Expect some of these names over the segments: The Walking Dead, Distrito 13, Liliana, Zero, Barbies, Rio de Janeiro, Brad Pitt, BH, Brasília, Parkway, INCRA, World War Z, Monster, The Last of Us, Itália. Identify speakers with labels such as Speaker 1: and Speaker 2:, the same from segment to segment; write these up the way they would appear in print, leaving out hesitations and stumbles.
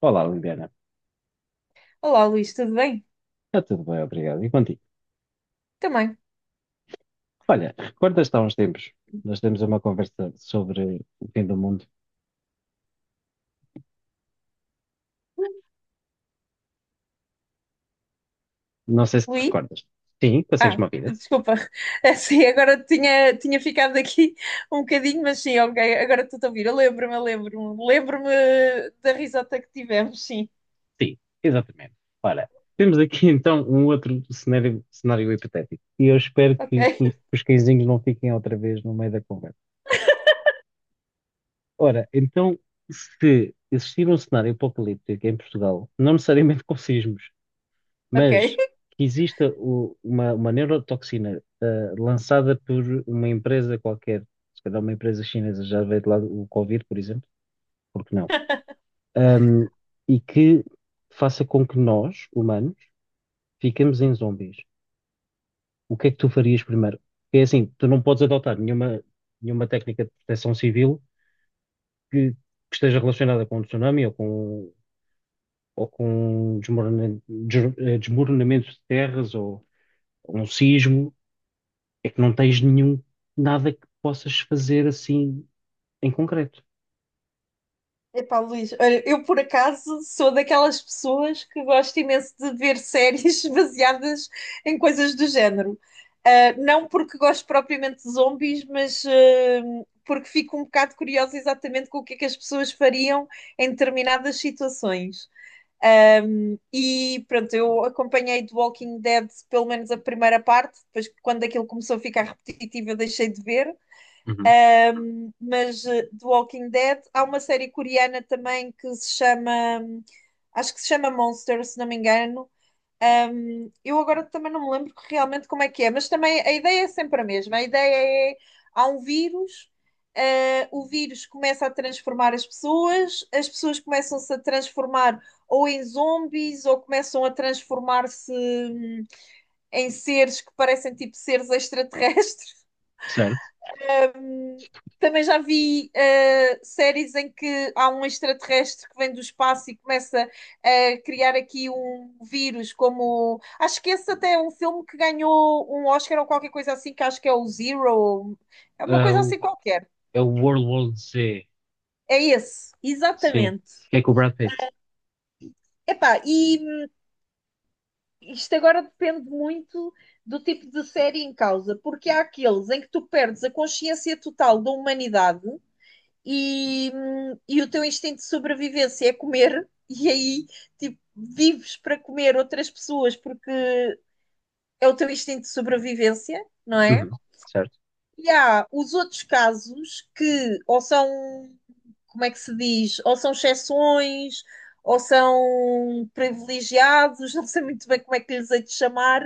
Speaker 1: Olá, Liliana.
Speaker 2: Olá, Luís, tudo bem?
Speaker 1: Está tudo bem, obrigado. E contigo?
Speaker 2: Também.
Speaker 1: Olha, recordas-te há uns tempos, nós temos uma conversa sobre o fim do mundo. Não sei se te
Speaker 2: Luís?
Speaker 1: recordas. Sim, consegues
Speaker 2: Ah,
Speaker 1: uma vida?
Speaker 2: desculpa. Sim. Agora tinha ficado aqui um bocadinho, mas sim, ok, agora estou a ouvir. Eu lembro-me, eu lembro-me. Lembro-me da risota que tivemos, sim.
Speaker 1: Sim, exatamente. Ora, temos aqui então um outro cenário, cenário hipotético. E eu espero
Speaker 2: Ok,
Speaker 1: que os cãezinhos não fiquem outra vez no meio da conversa. Ora, então, se existir um cenário apocalíptico em Portugal, não necessariamente com sismos, mas
Speaker 2: ok.
Speaker 1: que exista uma neurotoxina lançada por uma empresa qualquer, se calhar uma empresa chinesa, já veio de lá o Covid, por exemplo, porque não? Ahm, e que faça com que nós, humanos, fiquemos em zombies. O que é que tu farias primeiro? Porque é assim, tu não podes adotar nenhuma técnica de proteção civil que esteja relacionada com um tsunami ou com, ou com desmoronamento, desmoronamento de terras ou um sismo. É que não tens nada que possas fazer assim em concreto.
Speaker 2: Epá, Luís, olha, eu por acaso sou daquelas pessoas que gosto imenso de ver séries baseadas em coisas do género. Ah, não porque gosto propriamente de zombies, mas porque fico um bocado curiosa exatamente com o que é que as pessoas fariam em determinadas situações. E pronto, eu acompanhei The Walking Dead pelo menos a primeira parte, depois quando aquilo começou a ficar repetitivo eu deixei de ver,
Speaker 1: Uhum.
Speaker 2: mas The Walking Dead. Há uma série coreana também que se chama, acho que se chama Monster, se não me engano. Eu agora também não me lembro realmente como é que é, mas também a ideia é sempre a mesma. A ideia é, há um vírus, o vírus começa a transformar as pessoas começam-se a transformar ou em zombies, ou começam a transformar-se em seres que parecem tipo seres extraterrestres.
Speaker 1: Certo.
Speaker 2: Também já vi séries em que há um extraterrestre que vem do espaço e começa a criar aqui um vírus, como acho que esse até é um filme que ganhou um Oscar ou qualquer coisa assim, que acho que é o Zero, é uma
Speaker 1: Ah,
Speaker 2: coisa assim qualquer.
Speaker 1: é o World War Z,
Speaker 2: É esse,
Speaker 1: sim,
Speaker 2: exatamente.
Speaker 1: que é com o Brad Pitt.
Speaker 2: Epá, e isto agora depende muito do tipo de série em causa, porque há aqueles em que tu perdes a consciência total da humanidade e, e o teu instinto de sobrevivência é comer, e aí tipo, vives para comer outras pessoas porque é o teu instinto de sobrevivência, não é?
Speaker 1: Uhum. Certo?
Speaker 2: E há os outros casos que ou são, como é que se diz, ou são exceções, ou são privilegiados, não sei muito bem como é que lhes hei de chamar,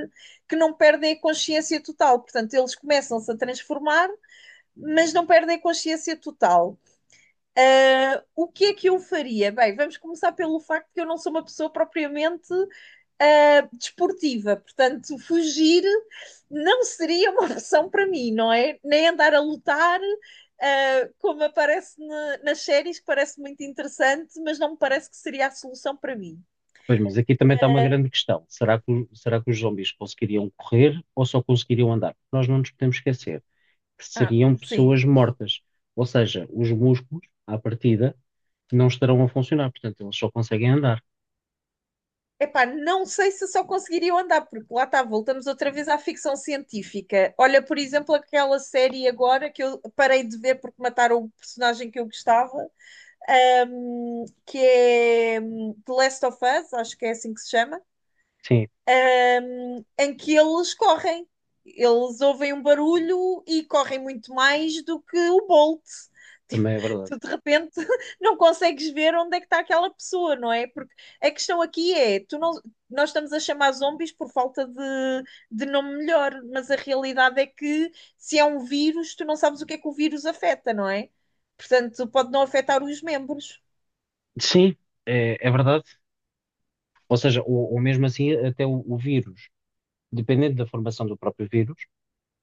Speaker 2: que não perdem a consciência total. Portanto, eles começam-se a transformar, mas não perdem a consciência total. O que é que eu faria? Bem, vamos começar pelo facto que eu não sou uma pessoa propriamente desportiva, portanto, fugir não seria uma opção para mim, não é? Nem andar a lutar, como aparece nas séries, que parece muito interessante, mas não me parece que seria a solução para mim.
Speaker 1: Pois, mas aqui também está uma grande questão. Será que os zombies conseguiriam correr ou só conseguiriam andar? Nós não nos podemos esquecer que
Speaker 2: Ah,
Speaker 1: seriam
Speaker 2: sim.
Speaker 1: pessoas mortas, ou seja, os músculos, à partida, não estarão a funcionar, portanto, eles só conseguem andar.
Speaker 2: Epá, não sei se só conseguiria andar, porque lá está, voltamos outra vez à ficção científica. Olha, por exemplo, aquela série agora que eu parei de ver porque mataram o personagem que eu gostava, The Last of Us, acho que é assim que se chama,
Speaker 1: Sim,
Speaker 2: em que eles correm. Eles ouvem um barulho e correm muito mais do que o Bolt. Tipo,
Speaker 1: também é verdade.
Speaker 2: tu de repente não consegues ver onde é que está aquela pessoa, não é? Porque a questão aqui é, tu não, nós estamos a chamar zombies por falta de nome melhor, mas a realidade é que se é um vírus, tu não sabes o que é que o vírus afeta, não é? Portanto, pode não afetar os membros.
Speaker 1: Sim, é verdade. Ou seja, ou mesmo assim, até o vírus, dependendo da formação do próprio vírus,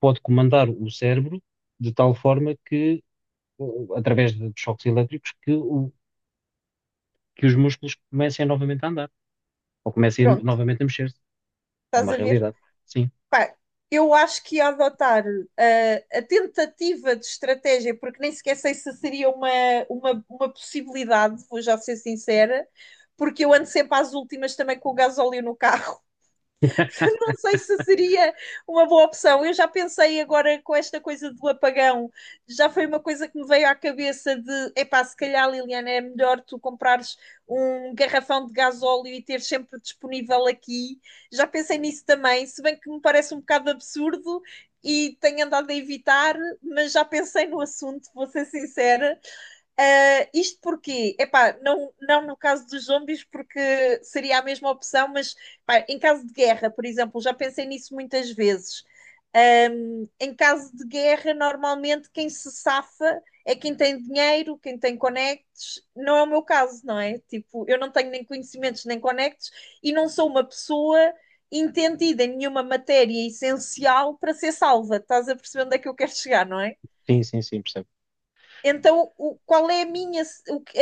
Speaker 1: pode comandar o cérebro de tal forma que, eh, através de choques elétricos, que os músculos comecem novamente a andar, ou comecem
Speaker 2: Pronto,
Speaker 1: novamente a mexer-se. É
Speaker 2: estás
Speaker 1: uma
Speaker 2: a ver?
Speaker 1: realidade. Sim,
Speaker 2: Pá, eu acho que ia adotar tentativa de estratégia, porque nem sequer sei se seria uma, uma possibilidade, vou já ser sincera, porque eu ando sempre às últimas também com o gasóleo no carro. Portanto, não sei se seria uma boa opção. Eu já pensei agora com esta coisa do apagão, já foi uma coisa que me veio à cabeça de, epá, se calhar, Liliana, é melhor tu comprares um garrafão de gasóleo e ter sempre disponível aqui. Já pensei nisso também, se bem que me parece um bocado absurdo e tenho andado a evitar, mas já pensei no assunto, vou ser sincera. Ah, isto porquê? Epá, não, não no caso dos zombies, porque seria a mesma opção, mas pá, em caso de guerra, por exemplo, já pensei nisso muitas vezes. Em caso de guerra, normalmente quem se safa é quem tem dinheiro, quem tem conectos. Não é o meu caso, não é? Tipo, eu não tenho nem conhecimentos nem conectos e não sou uma pessoa entendida em nenhuma matéria essencial para ser salva. Estás a perceber onde é que eu quero chegar, não é?
Speaker 1: sim, sim, sim, percebo.
Speaker 2: Então, qual é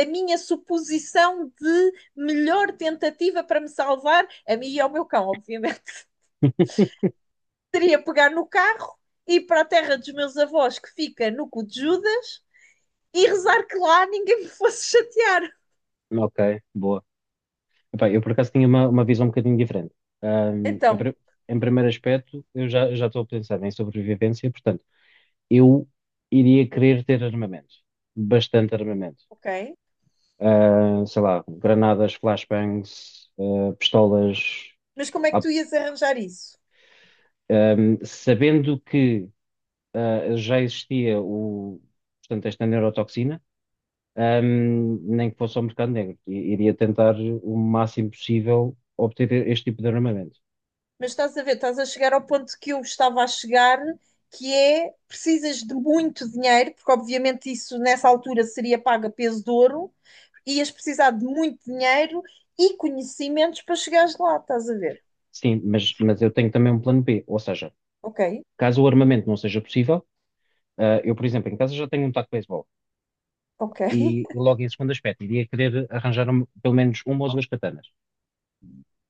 Speaker 2: a minha suposição de melhor tentativa para me salvar, a mim e ao meu cão, obviamente? Seria pegar no carro, ir para a terra dos meus avós, que fica no cu de Judas, e rezar que lá ninguém me fosse chatear.
Speaker 1: Ok, boa. Epá, eu por acaso tinha uma visão um bocadinho diferente. Ahm, em,
Speaker 2: Então,
Speaker 1: pri- em primeiro aspecto, eu já estou a pensar em sobrevivência, portanto, eu iria querer ter armamentos, bastante armamento.
Speaker 2: ok.
Speaker 1: Sei lá, granadas, flashbangs, pistolas.
Speaker 2: Mas como é que
Speaker 1: Ah,
Speaker 2: tu ias arranjar isso?
Speaker 1: Sabendo que já existia portanto, esta neurotoxina, nem que fosse ao mercado negro, iria tentar o máximo possível obter este tipo de armamento.
Speaker 2: Mas estás a ver, estás a chegar ao ponto que eu estava a chegar, que é precisas de muito dinheiro, porque obviamente isso nessa altura seria pago a peso de ouro, ias precisar de muito dinheiro e conhecimentos para chegares lá, estás a ver?
Speaker 1: Sim, mas eu tenho também um plano B, ou seja,
Speaker 2: Ok,
Speaker 1: caso o armamento não seja possível, eu, por exemplo, em casa já tenho um taco de beisebol
Speaker 2: ok.
Speaker 1: e logo em segundo aspecto iria querer arranjar pelo menos uma ou duas katanas,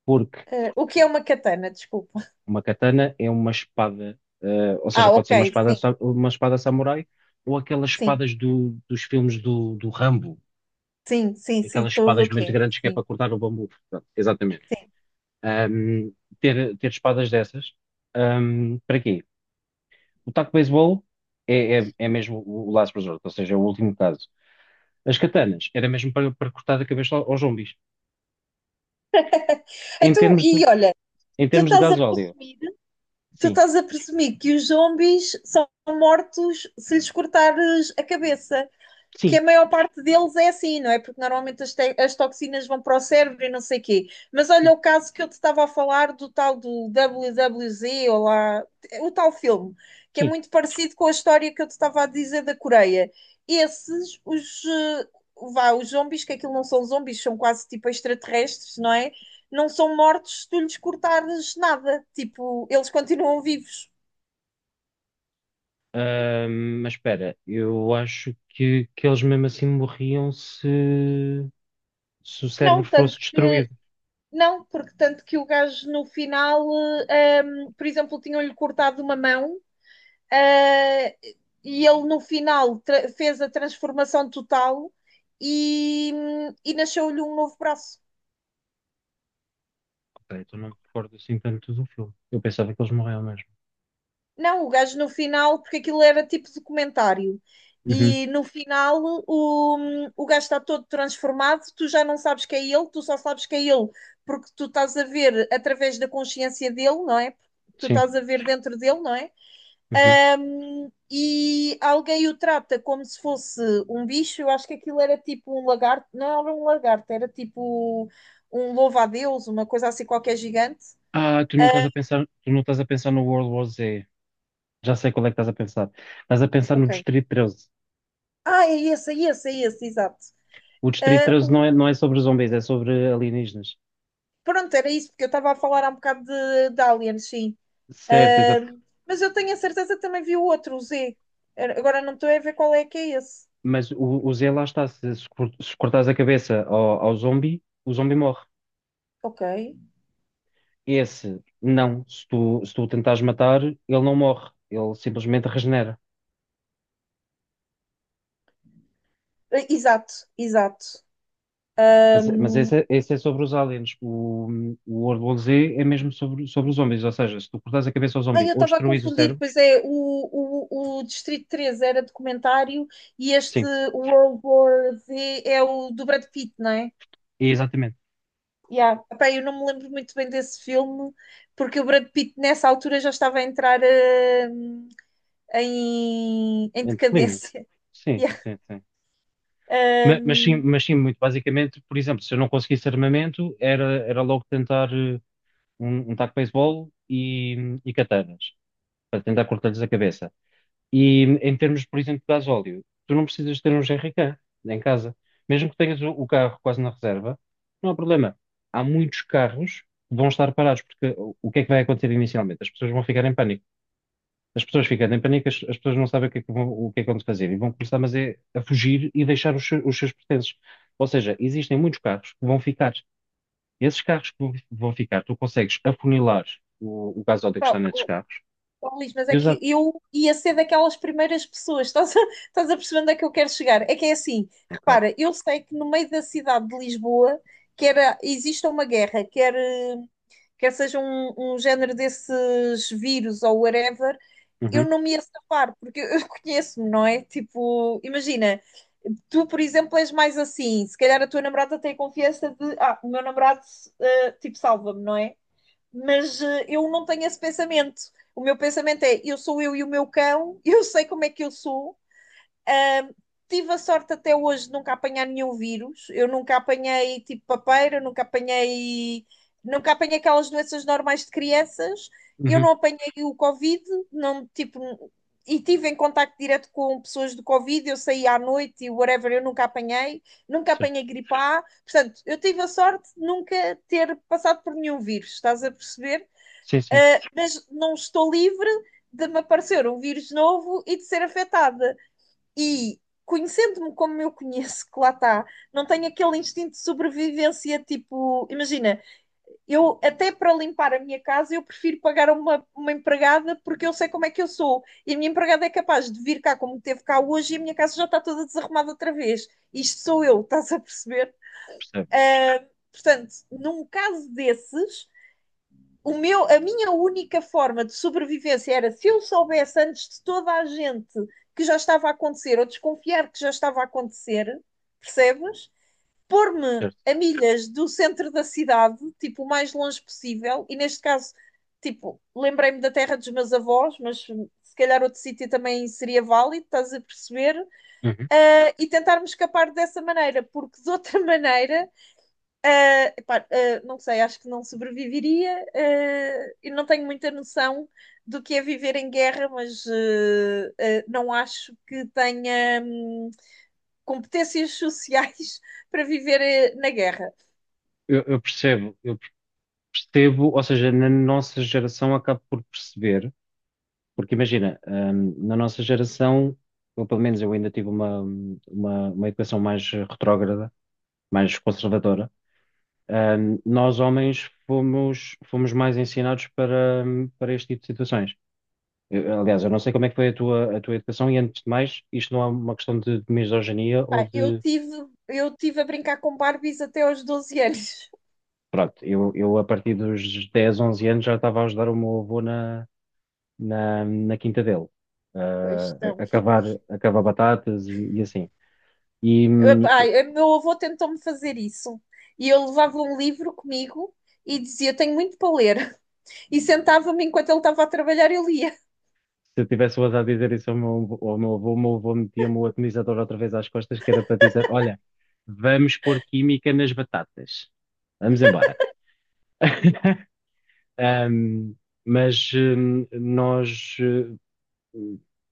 Speaker 1: porque...
Speaker 2: O que é uma katana? Desculpa.
Speaker 1: Uma katana é uma espada, ou seja,
Speaker 2: Ah, ok,
Speaker 1: pode ser uma espada,
Speaker 2: sim,
Speaker 1: uma espada samurai, ou aquelas
Speaker 2: sim,
Speaker 1: espadas dos filmes do Rambo,
Speaker 2: sim, sim, sim,
Speaker 1: aquelas
Speaker 2: estou a ver
Speaker 1: espadas
Speaker 2: o que
Speaker 1: muito
Speaker 2: é.
Speaker 1: grandes que é
Speaker 2: Sim,
Speaker 1: para cortar o bambu. Pronto, exatamente.
Speaker 2: sim.
Speaker 1: Ahm, ter espadas dessas, para quê? O taco de beisebol é mesmo o last resort, ou seja, é o último caso. As katanas era mesmo para, cortar a cabeça aos zombies. Em
Speaker 2: Então,
Speaker 1: termos de,
Speaker 2: e olha,
Speaker 1: em
Speaker 2: tu
Speaker 1: termos de
Speaker 2: estás a
Speaker 1: gasóleo,
Speaker 2: presumir, tu
Speaker 1: sim,
Speaker 2: estás a presumir que os zombies são mortos se lhes cortares a cabeça. Que a
Speaker 1: sim,
Speaker 2: maior parte deles é assim, não é? Porque normalmente as, as, toxinas vão para o cérebro e não sei o quê. Mas olha
Speaker 1: sim,
Speaker 2: o caso que eu te estava a falar do tal do WWZ ou lá, o tal filme, que é
Speaker 1: sim.
Speaker 2: muito parecido com a história que eu te estava a dizer da Coreia. Esses, vá, os zombies, que aquilo não são zombies, são quase tipo extraterrestres, não é? Não são mortos se tu lhes cortares nada. Tipo, eles continuam vivos.
Speaker 1: Ah, mas espera, eu acho que eles mesmo assim morriam se o cérebro
Speaker 2: Não,
Speaker 1: fosse
Speaker 2: tanto.
Speaker 1: destruído.
Speaker 2: Não, porque tanto que o gajo no final, por exemplo, tinham-lhe cortado uma mão, eh, e ele no final fez a transformação total e, e nasceu-lhe um novo braço.
Speaker 1: Ok, então não me recordo assim tanto do filme. Eu pensava que eles morriam mesmo.
Speaker 2: Não, o gajo no final, porque aquilo era tipo documentário.
Speaker 1: Uhum,
Speaker 2: E no final o, o gajo está todo transformado, tu já não sabes que é ele, tu só sabes que é ele, porque tu estás a ver através da consciência dele, não é? Tu
Speaker 1: sim.
Speaker 2: estás a ver dentro dele, não é?
Speaker 1: Uhum.
Speaker 2: E alguém o trata como se fosse um bicho. Eu acho que aquilo era tipo um lagarto, não era um lagarto, era tipo um louva-a-Deus, uma coisa assim qualquer gigante.
Speaker 1: Ah, tu não estás
Speaker 2: Ah,
Speaker 1: a pensar, tu não estás a pensar no World War Z. Já sei qual é que estás a pensar. Estás a pensar no
Speaker 2: ok.
Speaker 1: Distrito 13.
Speaker 2: Ah, é esse, é esse, é esse, exato.
Speaker 1: O Distrito
Speaker 2: Ah,
Speaker 1: 13 não é, não é sobre zombies, é sobre alienígenas.
Speaker 2: pronto, era isso, porque eu estava a falar há um bocado de aliens, sim.
Speaker 1: Certo, exato.
Speaker 2: Ah, mas eu tenho a certeza que também vi o outro, o Z. Agora não estou a ver qual é que é esse.
Speaker 1: Mas o Z lá está, se cortares a cabeça ao zombie, o zombie morre.
Speaker 2: Ok.
Speaker 1: Esse, não. Se tu o tentares matar, ele não morre. Ele simplesmente regenera.
Speaker 2: Ah, exato, exato.
Speaker 1: Mas esse é sobre os aliens. O World War Z é mesmo sobre os zombies. Ou seja, se tu cortares a cabeça ao
Speaker 2: Ai,
Speaker 1: zombie
Speaker 2: eu
Speaker 1: ou
Speaker 2: estava a
Speaker 1: destruís o
Speaker 2: confundir,
Speaker 1: cérebro,
Speaker 2: pois é, o, Distrito 13 era documentário e este
Speaker 1: sim,
Speaker 2: World War Z é o do Brad Pitt, não é?
Speaker 1: é exatamente.
Speaker 2: Yeah. Epá, eu não me lembro muito bem desse filme, porque o Brad Pitt nessa altura já estava a entrar em
Speaker 1: Em declínio.
Speaker 2: decadência.
Speaker 1: Sim,
Speaker 2: Yeah.
Speaker 1: sim, sim. Mas, sim, mas sim, muito basicamente, por exemplo, se eu não conseguisse armamento, era logo tentar um taco de beisebol e katanas, para tentar cortar-lhes a cabeça. E em termos, por exemplo, de gasóleo, tu não precisas ter um GRK em casa. Mesmo que tenhas o carro quase na reserva, não há problema. Há muitos carros que vão estar parados, porque o que é que vai acontecer inicialmente? As pessoas vão ficar em pânico. As pessoas ficando em pânico, as pessoas não sabem o que é que vão, fazer e vão começar, mas é, a fugir e deixar os seus pertences. Ou seja, existem muitos carros que vão ficar. Esses carros que vão ficar, tu consegues afunilar o gasóleo que está
Speaker 2: Pá,
Speaker 1: nesses
Speaker 2: oh,
Speaker 1: carros
Speaker 2: oh, Luís, mas
Speaker 1: e
Speaker 2: é que
Speaker 1: usar.
Speaker 2: eu ia ser daquelas primeiras pessoas, estás a perceber onde é que eu quero chegar? É que é assim,
Speaker 1: Ok.
Speaker 2: repara, eu sei que no meio da cidade de Lisboa quer, existe uma guerra, quer quer seja um género desses vírus ou whatever, eu
Speaker 1: Uhum,
Speaker 2: não me ia safar, porque eu conheço-me, não é? Tipo, imagina, tu, por exemplo, és mais assim, se calhar a tua namorada tem a confiança de, ah, o meu namorado, tipo, salva-me, não é? Mas eu não tenho esse pensamento. O meu pensamento é, eu sou eu e o meu cão, eu sei como é que eu sou, tive a sorte até hoje de nunca apanhar nenhum vírus. Eu nunca apanhei tipo papeira, nunca apanhei, nunca apanhei aquelas doenças normais de crianças. Eu
Speaker 1: uhum,
Speaker 2: não apanhei o Covid, não, tipo, e tive em contacto direto com pessoas do Covid, eu saí à noite e whatever, eu nunca apanhei, nunca
Speaker 1: certo.
Speaker 2: apanhei gripe A, portanto, eu tive a sorte de nunca ter passado por nenhum vírus, estás a perceber?
Speaker 1: Sim, sim.
Speaker 2: Mas não estou livre de me aparecer um vírus novo e de ser afetada. E conhecendo-me como eu conheço, que lá está, não tenho aquele instinto de sobrevivência, tipo, imagina, eu até para limpar a minha casa eu prefiro pagar a uma empregada porque eu sei como é que eu sou. E a minha empregada é capaz de vir cá como teve cá hoje e a minha casa já está toda desarrumada outra vez. Isto sou eu, estás a perceber?
Speaker 1: Percebo,
Speaker 2: Portanto, num caso desses, o meu, a minha única forma de sobrevivência era se eu soubesse antes de toda a gente que já estava a acontecer, ou desconfiar que já estava a acontecer, percebes? Pôr-me
Speaker 1: certo.
Speaker 2: a milhas do centro da cidade, tipo, o mais longe possível, e neste caso, tipo, lembrei-me da terra dos meus avós, mas se calhar outro sítio também seria válido, estás a perceber?
Speaker 1: Uhum.
Speaker 2: E tentar-me escapar dessa maneira, porque de outra maneira não sei, acho que não sobreviveria. E não tenho muita noção do que é viver em guerra, mas não acho que tenha competências sociais para viver na guerra.
Speaker 1: Eu percebo, ou seja, na nossa geração acabo por perceber, porque imagina, na nossa geração, ou pelo menos eu ainda tive uma educação mais retrógrada, mais conservadora, nós homens fomos mais ensinados para, para este tipo de situações. Aliás, eu não sei como é que foi a tua, educação. E antes de mais, isto não é uma questão de misoginia ou
Speaker 2: Pá, eu
Speaker 1: de...
Speaker 2: tive, eu tive a brincar com Barbies até aos 12 anos.
Speaker 1: Pronto, eu a partir dos 10 11 anos já estava a ajudar o meu avô na quinta dele,
Speaker 2: Pois não.
Speaker 1: a cavar, a cavar batatas e assim. E
Speaker 2: Ah, pá, Meu avô tentou-me fazer isso. E eu levava um livro comigo e dizia: Tenho muito para ler. E sentava-me enquanto ele estava a trabalhar, eu lia.
Speaker 1: se eu tivesse o azar de dizer isso ao meu, avô, o meu avô metia-me o atomizador outra vez às costas, que era para dizer: Olha, vamos pôr química nas batatas, vamos embora. Ahm, mas nós,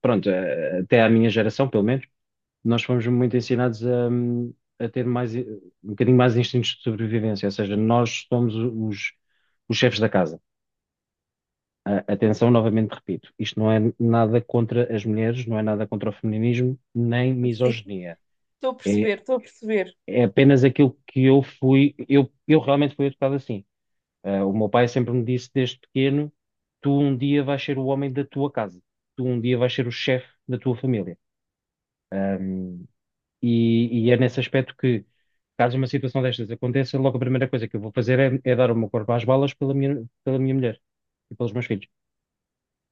Speaker 1: pronto, até à minha geração, pelo menos. Nós fomos muito ensinados a, ter mais, um bocadinho mais instintos de sobrevivência, ou seja, nós somos os chefes da casa. Atenção, novamente repito, isto não é nada contra as mulheres, não é nada contra o feminismo, nem
Speaker 2: Sim.
Speaker 1: misoginia.
Speaker 2: Estou a
Speaker 1: É,
Speaker 2: perceber, estou a perceber.
Speaker 1: é apenas aquilo que eu fui, eu realmente fui educado assim. Ah, o meu pai sempre me disse desde pequeno: tu um dia vais ser o homem da tua casa, tu um dia vais ser o chefe da tua família. E é nesse aspecto que, caso uma situação destas aconteça, logo a primeira coisa que eu vou fazer é dar o meu corpo às balas pela minha, mulher e pelos meus filhos.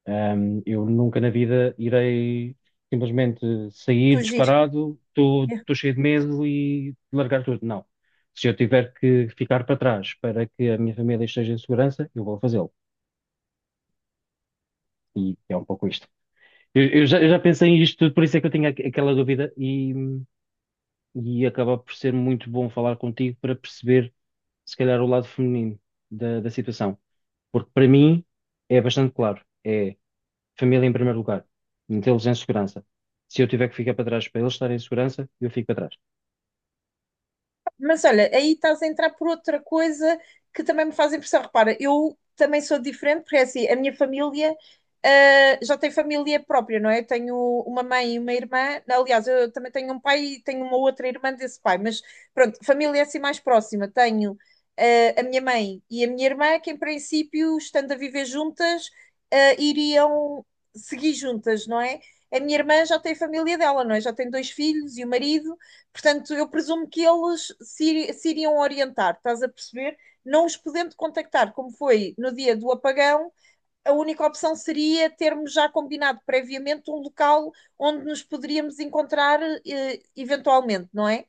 Speaker 1: Eu nunca na vida irei simplesmente sair
Speaker 2: Que giro.
Speaker 1: disparado, estou cheio de medo e largar tudo. Não. Se eu tiver que ficar para trás para que a minha família esteja em segurança, eu vou fazê-lo. E é um pouco isto. Eu já pensei em isto tudo, por isso é que eu tinha aquela dúvida e acaba por ser muito bom falar contigo para perceber, se calhar, o lado feminino da situação. Porque para mim é bastante claro. É família em primeiro lugar, metê-los em segurança. Se eu tiver que ficar para trás para eles estarem em segurança, eu fico para trás.
Speaker 2: Mas olha, aí estás a entrar por outra coisa que também me faz impressão. Repara, eu também sou diferente, porque é assim, a minha família já tem família própria, não é? Eu tenho uma mãe e uma irmã. Aliás, eu também tenho um pai e tenho uma outra irmã desse pai, mas pronto, família é assim mais próxima. Tenho a minha mãe e a minha irmã, que em princípio, estando a viver juntas, iriam seguir juntas, não é? A minha irmã já tem família dela, não é? Já tem dois filhos e o marido. Portanto, eu presumo que eles se, se iriam orientar, estás a perceber? Não os podendo contactar, como foi no dia do apagão, a única opção seria termos já combinado previamente um local onde nos poderíamos encontrar, eventualmente, não é?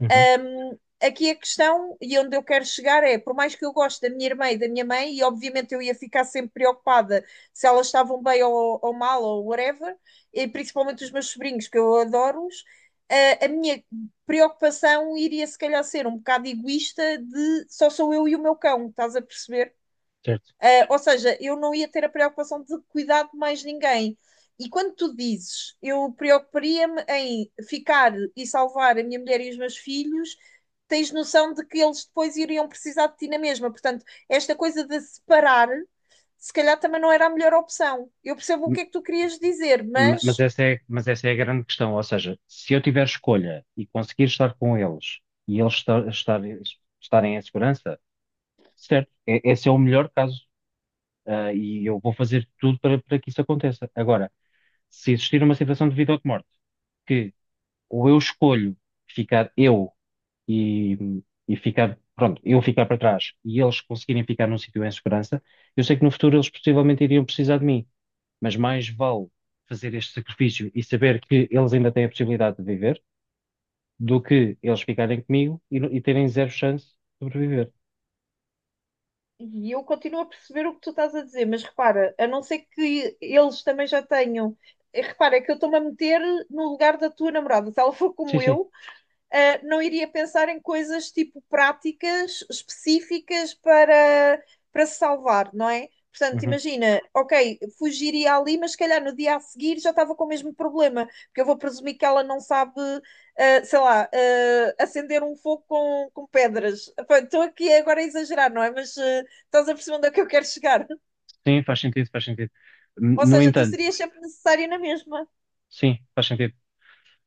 Speaker 1: Uhum,
Speaker 2: Um, Aqui a questão, e onde eu quero chegar, é: por mais que eu goste da minha irmã e da minha mãe, e obviamente eu ia ficar sempre preocupada se elas estavam bem ou mal ou whatever, e principalmente os meus sobrinhos, que eu adoro-os, a minha preocupação iria se calhar ser um bocado egoísta de só sou eu e o meu cão, estás a perceber?
Speaker 1: certo.
Speaker 2: Ou seja, eu não ia ter a preocupação de cuidar de mais ninguém. E quando tu dizes, eu preocuparia-me em ficar e salvar a minha mulher e os meus filhos, tens noção de que eles depois iriam precisar de ti na mesma. Portanto, esta coisa de separar, se calhar também não era a melhor opção. Eu percebo o que é que tu querias dizer,
Speaker 1: Mas
Speaker 2: mas.
Speaker 1: essa é a grande questão. Ou seja, se eu tiver escolha e conseguir estar com eles e eles estarem em segurança, certo, esse é o melhor caso. Ah, e eu vou fazer tudo para que isso aconteça. Agora, se existir uma situação de vida ou de morte que ou eu escolho ficar eu e ficar, pronto, eu ficar para trás e eles conseguirem ficar num sítio em segurança, eu sei que no futuro eles possivelmente iriam precisar de mim, mas mais vale fazer este sacrifício e saber que eles ainda têm a possibilidade de viver do que eles ficarem comigo e, no- e terem zero chance de sobreviver.
Speaker 2: E eu continuo a perceber o que tu estás a dizer, mas repara, a não ser que eles também já tenham. Repara, é que eu estou-me a meter no lugar da tua namorada. Se ela for
Speaker 1: Sim,
Speaker 2: como
Speaker 1: sim.
Speaker 2: eu, não iria pensar em coisas tipo práticas específicas para se salvar, não é? Portanto,
Speaker 1: Uhum.
Speaker 2: imagina, ok, fugiria ali, mas se calhar no dia a seguir já estava com o mesmo problema, porque eu vou presumir que ela não sabe, sei lá, acender um fogo com pedras. Pá, estou aqui agora a exagerar, não é? Mas estás a perceber onde é que eu quero chegar.
Speaker 1: Sim, faz sentido, faz sentido.
Speaker 2: Ou
Speaker 1: No
Speaker 2: seja, tu
Speaker 1: entanto,
Speaker 2: serias sempre necessária na mesma.
Speaker 1: sim, faz sentido.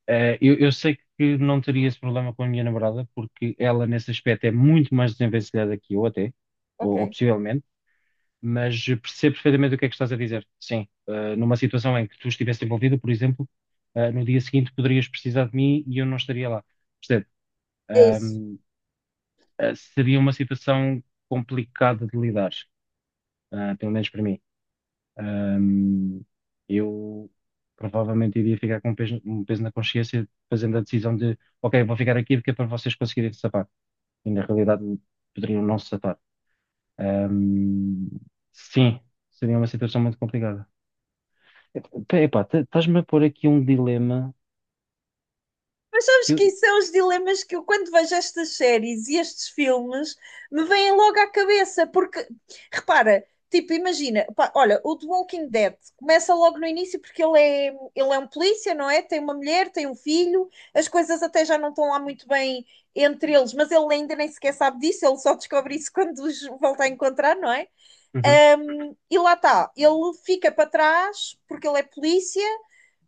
Speaker 1: Eu sei que não teria esse problema com a minha namorada, porque ela, nesse aspecto, é muito mais desenvencilhada que eu, até, ou
Speaker 2: Ok,
Speaker 1: possivelmente, mas percebo perfeitamente o que é que estás a dizer. Sim, numa situação em que tu estivesse envolvido, por exemplo, no dia seguinte poderias precisar de mim e eu não estaria lá. Percebo.
Speaker 2: é isso.
Speaker 1: Ahm, Seria uma situação complicada de lidar, pelo menos para mim. Ahm, eu provavelmente iria ficar com um peso na consciência fazendo a decisão de, ok, vou ficar aqui porque é para vocês conseguirem se safar. E na realidade poderiam não se safar. Ahm, sim, seria uma situação muito complicada. Epá, estás-me a pôr aqui um dilema
Speaker 2: Mas sabes
Speaker 1: que
Speaker 2: que
Speaker 1: eu...
Speaker 2: isso são os dilemas que eu, quando vejo estas séries e estes filmes, me vêm logo à cabeça, porque, repara, tipo, imagina, pá, olha, o The Walking Dead começa logo no início porque ele é um polícia, não é? Tem uma mulher, tem um filho, as coisas até já não estão lá muito bem entre eles, mas ele ainda nem sequer sabe disso, ele só descobre isso quando os volta a encontrar, não é?
Speaker 1: Uhum.
Speaker 2: E lá está, ele fica para trás porque ele é polícia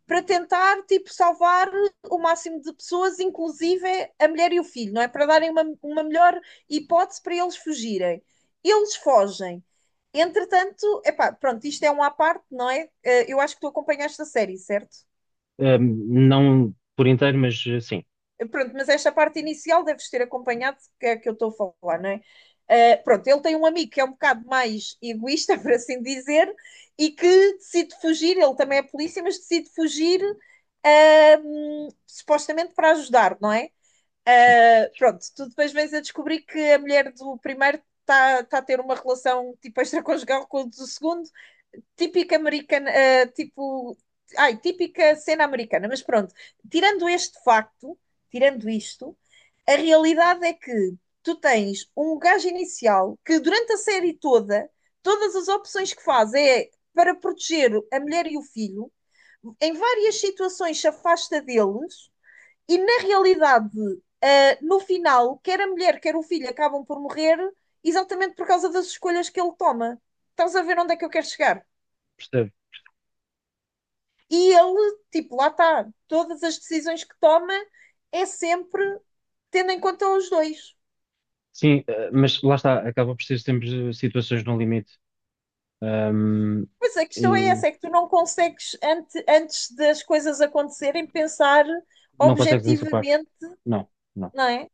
Speaker 2: para tentar tipo, salvar o máximo de pessoas, inclusive a mulher e o filho, não é? Para darem uma melhor hipótese para eles fugirem. Eles fogem. Entretanto, epá, pronto, isto é um à parte, não é? Eu acho que tu acompanhaste a série, certo?
Speaker 1: Não por inteiro, mas sim,
Speaker 2: Pronto, mas esta parte inicial deves ter acompanhado, que é que eu estou a falar, não é? Pronto, ele tem um amigo que é um bocado mais egoísta, por assim dizer, e que decide fugir, ele também é polícia, mas decide fugir supostamente para ajudar, não é?
Speaker 1: sim,
Speaker 2: Pronto, tu depois vens a descobrir que a mulher do primeiro está tá a ter uma relação tipo extraconjugal com o do segundo típica americana, tipo, ai, típica cena americana, mas pronto, tirando este facto, tirando isto, a realidade é que tu tens um gajo inicial que durante a série toda, todas as opções que faz é para proteger a mulher e o filho, em várias situações se afasta deles e na realidade, no final, quer a mulher, quer o filho acabam por morrer exatamente por causa das escolhas que ele toma. Estás a ver onde é que eu quero chegar?
Speaker 1: percebo.
Speaker 2: E ele, tipo, lá está, todas as decisões que toma é sempre tendo em conta os dois.
Speaker 1: Sim, mas lá está, acaba por ser sempre situações no limite. Ahm,
Speaker 2: Pois a questão é
Speaker 1: e
Speaker 2: essa, é que tu não consegues, antes das coisas acontecerem, pensar
Speaker 1: não consegues antecipar.
Speaker 2: objetivamente,
Speaker 1: Não, não.
Speaker 2: não é?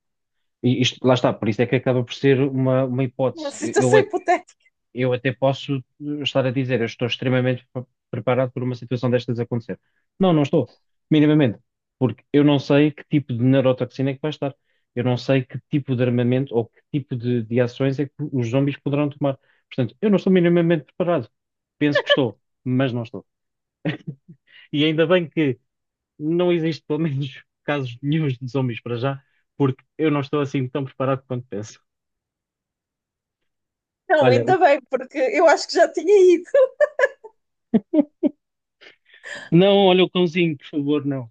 Speaker 1: E isto, lá está, por isso é que acaba por ser uma
Speaker 2: Uma
Speaker 1: hipótese. Eu, eu
Speaker 2: situação
Speaker 1: a-
Speaker 2: hipotética.
Speaker 1: eu até posso estar a dizer, eu estou extremamente preparado por uma situação destas acontecer. Não, não estou, minimamente, porque eu não sei que tipo de neurotoxina é que vai estar. Eu não sei que tipo de armamento ou que tipo de ações é que os zombies poderão tomar. Portanto, eu não estou minimamente preparado. Penso que estou, mas não estou. E ainda bem que não existe, pelo menos, casos nenhuns de zombies para já, porque eu não estou assim tão preparado quanto penso.
Speaker 2: Não,
Speaker 1: Olha,
Speaker 2: ainda bem, porque eu acho que já tinha ido.
Speaker 1: não, olha o cãozinho, por favor, não.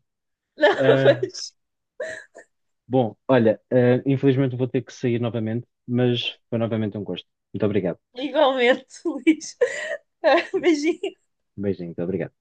Speaker 2: Não,
Speaker 1: Ah,
Speaker 2: mas
Speaker 1: bom, olha, infelizmente vou ter que sair novamente, mas foi novamente um gosto. Muito obrigado.
Speaker 2: igualmente, Luís. Beijinho.
Speaker 1: Um beijinho, muito obrigado.